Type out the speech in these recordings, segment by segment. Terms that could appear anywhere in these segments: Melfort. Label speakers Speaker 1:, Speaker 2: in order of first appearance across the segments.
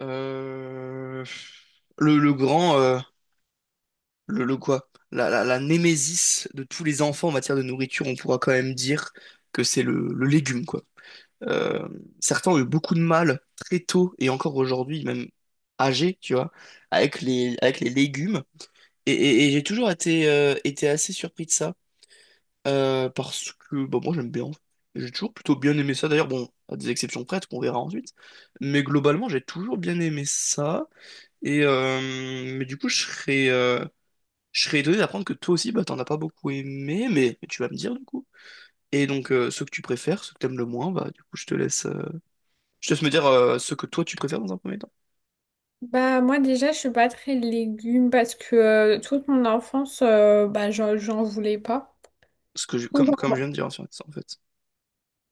Speaker 1: Euh, le grand, le quoi? La némésis de tous les enfants en matière de nourriture, on pourra quand même dire que c'est le légume, quoi. Euh, Certains ont eu beaucoup de mal très tôt et encore aujourd'hui, même âgés, tu vois, avec avec les légumes. Et j'ai toujours été, été assez surpris de ça, parce que bah, moi j'aime bien en fait. J'ai toujours plutôt bien aimé ça, d'ailleurs, bon, à des exceptions prêtes qu'on verra ensuite. Mais globalement, j'ai toujours bien aimé ça. Et mais du coup, je serais étonné d'apprendre que toi aussi, bah, t'en as pas beaucoup aimé, mais tu vas me dire du coup. Et donc, ceux que tu préfères, ceux que t'aimes le moins, bah, du coup, je te laisse me dire ceux que toi tu préfères dans un premier temps.
Speaker 2: Bah moi déjà je suis pas très légumes parce que toute mon enfance bah j'en voulais pas. Du coup,
Speaker 1: Comme, comme je viens de dire en fait en fait.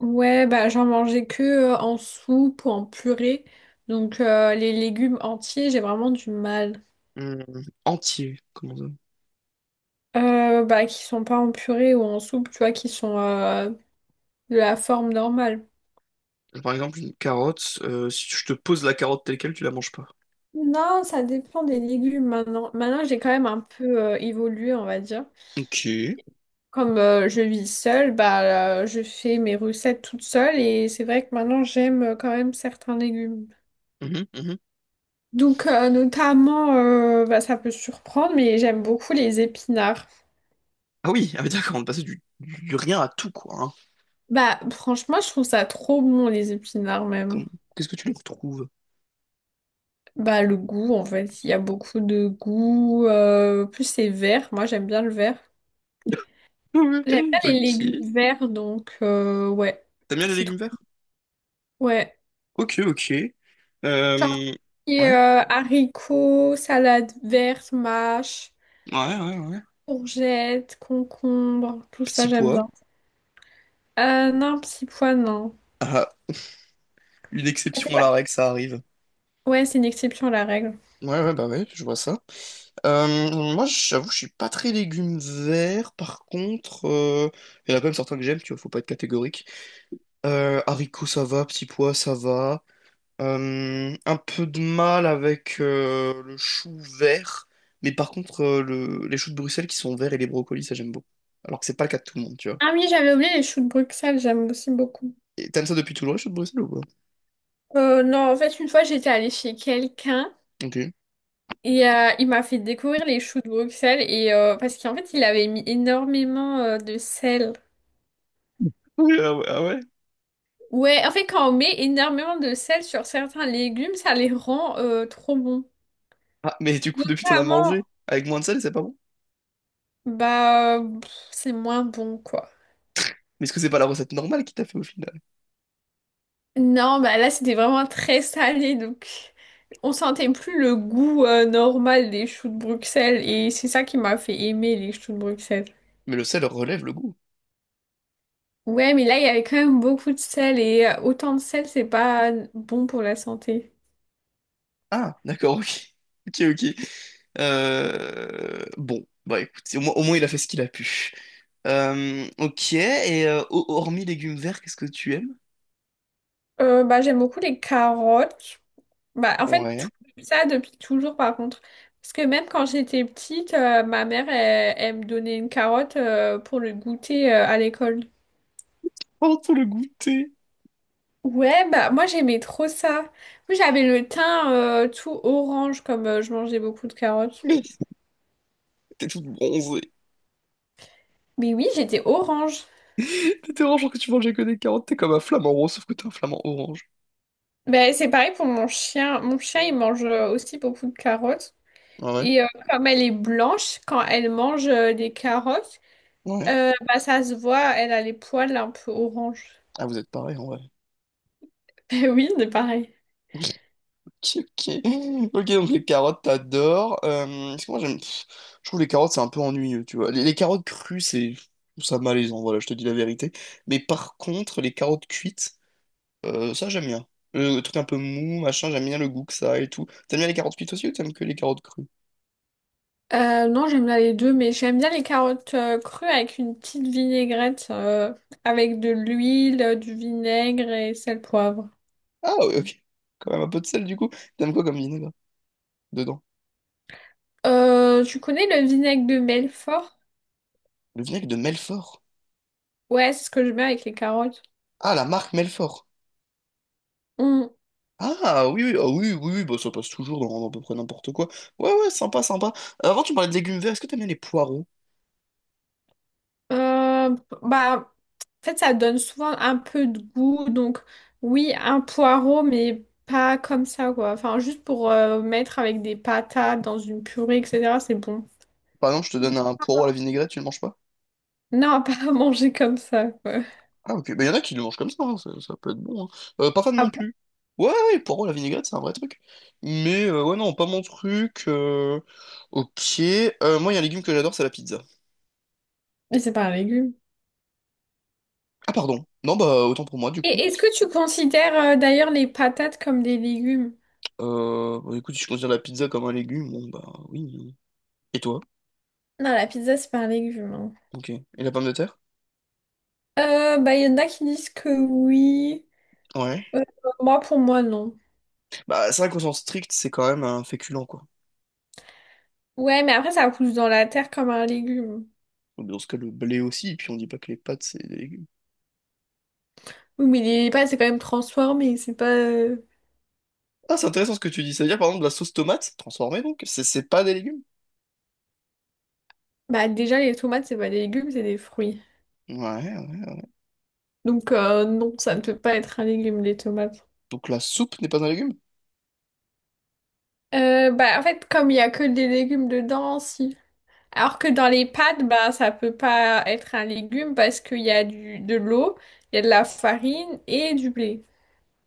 Speaker 2: ouais bah j'en mangeais que en soupe ou en purée. Donc les légumes entiers j'ai vraiment du mal.
Speaker 1: Hum, entier, comment ça?
Speaker 2: Bah qui sont pas en purée ou en soupe tu vois qui sont de la forme normale.
Speaker 1: Par exemple, une carotte, si je te pose la carotte telle quelle, tu la manges pas.
Speaker 2: Non, ça dépend des légumes maintenant. Maintenant j'ai quand même un peu évolué, on va dire.
Speaker 1: Ok.
Speaker 2: Comme je vis seule, bah, je fais mes recettes toute seule, et c'est vrai que maintenant j'aime quand même certains légumes.
Speaker 1: Mhm, mhm.
Speaker 2: Donc notamment, bah, ça peut surprendre, mais j'aime beaucoup les épinards.
Speaker 1: Ah oui, ah oui, d'accord, on est passé du rien à tout, quoi, hein.
Speaker 2: Bah franchement, je trouve ça trop bon, les épinards
Speaker 1: Comme-
Speaker 2: même.
Speaker 1: Qu'est-ce que tu lui retrouves?
Speaker 2: Bah le goût en fait, il y a beaucoup de goût. Plus c'est vert, moi j'aime bien le vert. J'aime bien les
Speaker 1: Ok.
Speaker 2: légumes verts, donc ouais,
Speaker 1: T'aimes bien les
Speaker 2: c'est trop.
Speaker 1: légumes verts?
Speaker 2: Ouais.
Speaker 1: Ok, ok.
Speaker 2: Genre,
Speaker 1: Euh,
Speaker 2: et,
Speaker 1: Ouais,
Speaker 2: haricots, salade verte, mâche.
Speaker 1: ouais, ouais, ouais.
Speaker 2: Courgettes, concombres, tout ça
Speaker 1: Petit
Speaker 2: j'aime
Speaker 1: pois.
Speaker 2: bien. Non, petits pois, non.
Speaker 1: Ah, une
Speaker 2: Ah, c'est
Speaker 1: exception à la
Speaker 2: pas-
Speaker 1: règle, ça arrive.
Speaker 2: ouais, c'est une exception à la règle.
Speaker 1: Ouais, ouais, bah ouais, je vois ça. Moi, j'avoue, je suis pas très légumes verts, par contre, il y en a quand même certains que j'aime, tu vois, faut pas être catégorique. Haricots, ça va, petits pois, ça va. Un peu de mal avec le chou vert, mais par contre, les choux de Bruxelles qui sont verts et les brocolis, ça j'aime beaucoup. Alors que c'est pas le cas de tout le monde, tu vois.
Speaker 2: Ah oui, j'avais oublié les choux de Bruxelles, j'aime aussi beaucoup.
Speaker 1: Et t'aimes ça depuis toujours, les choux de Bruxelles ou pas?
Speaker 2: Non, en fait, une fois, j'étais allée chez quelqu'un
Speaker 1: Ok.
Speaker 2: et il m'a fait découvrir les choux de Bruxelles, et parce qu'en fait, il avait mis énormément de sel.
Speaker 1: Oui, ah ouais, ah ouais.
Speaker 2: Ouais, en fait, quand on met énormément de sel sur certains légumes, ça les rend trop bons.
Speaker 1: Ah, mais du coup, depuis, t'en as
Speaker 2: Notamment,
Speaker 1: mangé. Avec moins de sel, c'est pas bon.
Speaker 2: bah, pff, c'est moins bon, quoi.
Speaker 1: Mais est-ce que c'est pas la recette normale qui t'a fait au final?
Speaker 2: Non, bah là c'était vraiment très salé, donc on sentait plus le goût normal des choux de Bruxelles, et c'est ça qui m'a fait aimer les choux de Bruxelles.
Speaker 1: Mais le sel relève le goût.
Speaker 2: Ouais, mais là il y avait quand même beaucoup de sel, et autant de sel, c'est pas bon pour la santé.
Speaker 1: Ah, d'accord, ok. Ok, ok. Bon, bah écoute, au moins, il a fait ce qu'il a pu. Ok, et hormis légumes verts, qu'est-ce que tu aimes?
Speaker 2: Bah j'aime beaucoup les carottes. Bah en fait
Speaker 1: Ouais.
Speaker 2: tout ça depuis toujours, par contre. Parce que même quand j'étais petite, ma mère elle, elle me donnait une carotte pour le goûter à l'école.
Speaker 1: Oh, pour le goûter!
Speaker 2: Ouais, bah moi j'aimais trop ça. Moi j'avais le teint tout orange, comme je mangeais beaucoup de carottes.
Speaker 1: T'es toute bronzée.
Speaker 2: Mais oui, j'étais orange.
Speaker 1: T'étais orange genre que tu mangeais que des carottes, t'es comme un flamant rose, sauf que t'es un flamant orange.
Speaker 2: Bah c'est pareil pour mon chien. Mon chien il mange aussi beaucoup de carottes.
Speaker 1: Ah ouais.
Speaker 2: Et comme elle est blanche, quand elle mange des carottes,
Speaker 1: Ouais.
Speaker 2: bah ça se voit, elle a les poils un peu orange.
Speaker 1: Ah, vous êtes pareil en vrai.
Speaker 2: Eh oui, c'est pareil.
Speaker 1: Ok, ok, donc les carottes, t'adores. Parce que moi, j'aime, pff, je trouve les carottes, c'est un peu ennuyeux, tu vois. Les carottes crues, c'est, je trouve ça malaisant, voilà, je te dis la vérité. Mais par contre, les carottes cuites, ça, j'aime bien. Le truc un peu mou, machin, j'aime bien le goût que ça a et tout. T'aimes bien les carottes cuites aussi ou t'aimes que les carottes crues?
Speaker 2: Non, j'aime bien les deux, mais j'aime bien les carottes crues avec une petite vinaigrette, avec de l'huile, du vinaigre et sel poivre.
Speaker 1: Ah, ouais, ok. Quand même un peu de sel, du coup. T'aimes quoi comme vinaigre dedans?
Speaker 2: Tu connais le vinaigre de Melfort?
Speaker 1: Le vinaigre de Melfort.
Speaker 2: Ouais, c'est ce que je mets avec les carottes.
Speaker 1: Ah, la marque Melfort.
Speaker 2: Mm.
Speaker 1: Ah oui, oui, ah oui, oui, oui, bah, ça passe toujours dans à peu près n'importe quoi. Ouais, ouais, sympa, sympa. Avant, tu me parlais de légumes verts, est-ce que t'aimes bien les poireaux?
Speaker 2: Euh, Bah, en fait, ça donne souvent un peu de goût. Donc, oui, un poireau, mais pas comme ça, quoi. Enfin, juste pour mettre avec des patates dans une purée, etc. C'est bon.
Speaker 1: Par exemple, je te donne un poireau à la vinaigrette, tu le manges pas?
Speaker 2: Non, pas à manger comme ça, quoi.
Speaker 1: Ah ok, bah, y en a qui le mangent comme ça, hein, ça peut être bon, hein. Pas fan
Speaker 2: Ah
Speaker 1: non
Speaker 2: bon?
Speaker 1: plus. Ouais, ouais, le poireau à la vinaigrette, c'est un vrai truc. Mais ouais, non, pas mon truc, ok, moi, il y a un légume que j'adore, c'est la pizza.
Speaker 2: Mais c'est pas un légume.
Speaker 1: Ah pardon, non, bah autant pour moi du coup.
Speaker 2: Et est-ce que tu considères d'ailleurs les patates comme des légumes?
Speaker 1: Bah, écoute, si je considère la pizza comme un légume, bon bah oui, hein. Et toi?
Speaker 2: Non, la pizza, c'est pas un légume, hein.
Speaker 1: Ok. Et la pomme de terre?
Speaker 2: Bah, il y en a qui disent que oui.
Speaker 1: Ouais.
Speaker 2: Euh, Moi, pour moi, non.
Speaker 1: Bah, c'est vrai qu'au sens strict, c'est quand même un féculent, quoi.
Speaker 2: Ouais, mais après, ça pousse dans la terre comme un légume.
Speaker 1: Donc, dans ce cas, le blé aussi, et puis on dit pas que les pâtes, c'est des légumes.
Speaker 2: Oui, mais les pâtes, c'est quand même transformé. C'est pas.
Speaker 1: Ah, c'est intéressant ce que tu dis. Ça veut dire, par exemple, la sauce tomate, transformée, donc, c'est pas des légumes?
Speaker 2: Bah, déjà, les tomates, c'est pas des légumes, c'est des fruits.
Speaker 1: Ouais, ouais.
Speaker 2: Donc, non, ça ne peut pas être un légume, les tomates.
Speaker 1: Donc la soupe n'est pas un légume?
Speaker 2: Bah, en fait, comme il y a que des légumes dedans, si. Alors que dans les pâtes, bah, ça peut pas être un légume, parce qu'il y a de l'eau, il y a de la farine et du blé.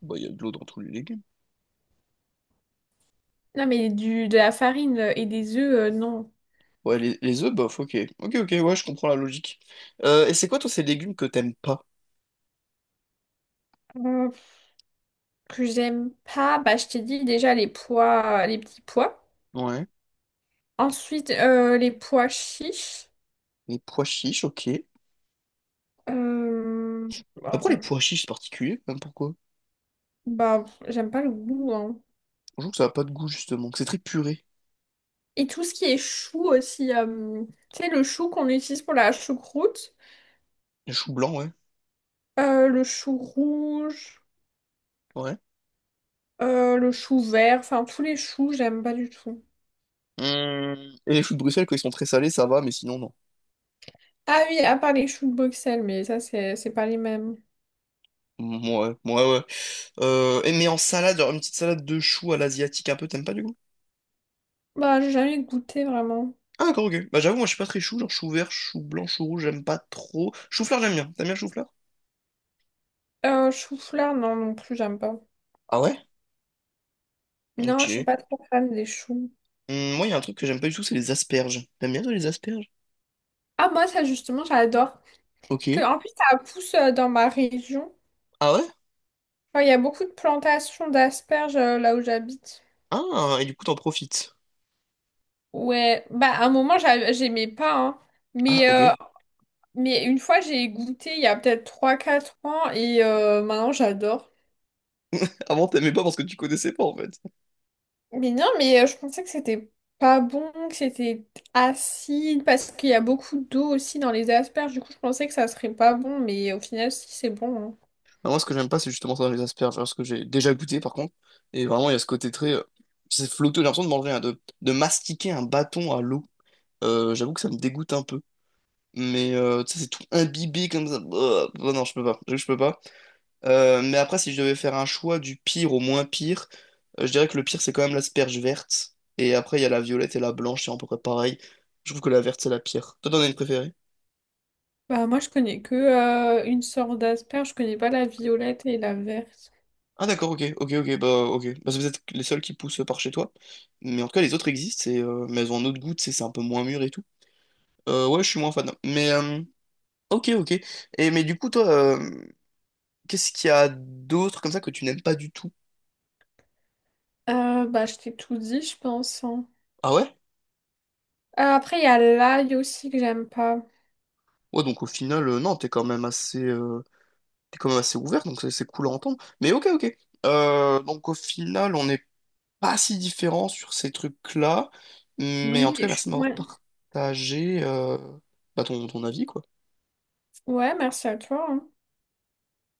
Speaker 1: Bah, il y a de l'eau dans tous les légumes.
Speaker 2: Non, mais de la farine et des œufs, non.
Speaker 1: Ouais, les œufs, bof, ok. Ok, ok, ouais, je comprends la logique. Et c'est quoi, toi, ces légumes que t'aimes pas?
Speaker 2: Que j'aime pas, bah, je t'ai dit déjà les pois, les petits pois.
Speaker 1: Ouais.
Speaker 2: Ensuite, les pois chiches.
Speaker 1: Les pois chiches, ok.
Speaker 2: Euh, bah,
Speaker 1: Après, les pois chiches, c'est particulier, même pourquoi?
Speaker 2: bah, j'aime pas le goût, hein.
Speaker 1: Je trouve que ça a pas de goût, justement, que c'est très puré.
Speaker 2: Et tout ce qui est chou aussi. Tu sais, le chou qu'on utilise pour la choucroute,
Speaker 1: Les choux blancs, ouais.
Speaker 2: le chou rouge,
Speaker 1: Ouais.
Speaker 2: le chou vert, enfin tous les choux, j'aime pas du tout.
Speaker 1: Hum, et les choux de Bruxelles, quand ils sont très salés, ça va, mais sinon, non.
Speaker 2: Ah oui, à part les choux de Bruxelles, mais ça, c'est pas les mêmes.
Speaker 1: Ouais, ouais, ouais. Et mais en salade, genre une petite salade de choux à l'asiatique un peu, t'aimes pas du coup?
Speaker 2: Bah, j'ai jamais goûté vraiment.
Speaker 1: Ah, d'accord, ok. Bah j'avoue, moi je suis pas très chou, genre chou vert, chou blanc, chou rouge, j'aime pas trop. Chou-fleur, j'aime bien. T'aimes bien le chou-fleur?
Speaker 2: Chou-fleur, non, non plus, j'aime pas.
Speaker 1: Ah ouais?
Speaker 2: Non, je suis
Speaker 1: Ok.
Speaker 2: pas trop fan des choux.
Speaker 1: Moi, il y a un truc que j'aime pas du tout, c'est les asperges. T'aimes bien toi, les asperges?
Speaker 2: Ah, moi, ça, justement, j'adore.
Speaker 1: Ok.
Speaker 2: Parce que, en plus, ça pousse dans ma région.
Speaker 1: Ah ouais?
Speaker 2: Enfin, il y a beaucoup de plantations d'asperges là où j'habite.
Speaker 1: Ah, et du coup, t'en profites.
Speaker 2: Ouais, bah, à un moment, j'aimais pas, hein.
Speaker 1: Ah,
Speaker 2: Mais,
Speaker 1: ok.
Speaker 2: euh, mais une fois, j'ai goûté il y a peut-être 3, 4 ans, et maintenant, j'adore.
Speaker 1: Avant, t'aimais pas parce que tu connaissais pas, en fait.
Speaker 2: Mais non, mais je pensais que c'était pas bon, que c'était acide, parce qu'il y a beaucoup d'eau aussi dans les asperges. Du coup, je pensais que ça serait pas bon, mais au final, si, c'est bon, hein.
Speaker 1: Ah, moi, ce que j'aime pas, c'est justement ça, les asperges. Parce que j'ai déjà goûté, par contre. Et vraiment, il y a ce côté très… c'est flotteux, j'ai l'impression de manger, de mastiquer un bâton à l'eau. J'avoue que ça me dégoûte un peu. Mais tu sais, c'est tout imbibé comme ça. Bah, bah non, je peux pas. J'avoue que je peux pas. Mais après, si je devais faire un choix du pire au moins pire, je dirais que le pire, c'est quand même l'asperge verte. Et après, il y a la violette et la blanche, c'est à peu près pareil. Je trouve que la verte, c'est la pire. Toi, t'en as une préférée?
Speaker 2: Bah, moi, je connais que une sorte d'asperge. Je connais pas la violette et la verte.
Speaker 1: Ah d'accord, ok, ok, ok. Bah, c'est peut-être les seuls qui poussent par chez toi. Mais en tout cas, les autres existent, et, mais elles ont un autre goût, tu sais, c'est un peu moins mûr et tout. Ouais, je suis moins fan. Mais ok, ok. Et mais du coup, toi, euh, Qu'est-ce qu'il y a d'autre comme ça que tu n'aimes pas du tout?
Speaker 2: Bah, je t'ai tout dit, je pense, hein.
Speaker 1: Ah ouais?
Speaker 2: Après, il y a l'ail aussi que j'aime pas.
Speaker 1: Ouais, donc au final, non, t'es quand même assez ouvert, donc c'est cool à entendre. Mais ok, ok. Donc au final, on n'est pas si différents sur ces trucs-là. Mais en
Speaker 2: Oui,
Speaker 1: tout cas, merci de m'avoir
Speaker 2: ouais.
Speaker 1: partagé bah, ton avis, quoi.
Speaker 2: Ouais, merci à toi, hein.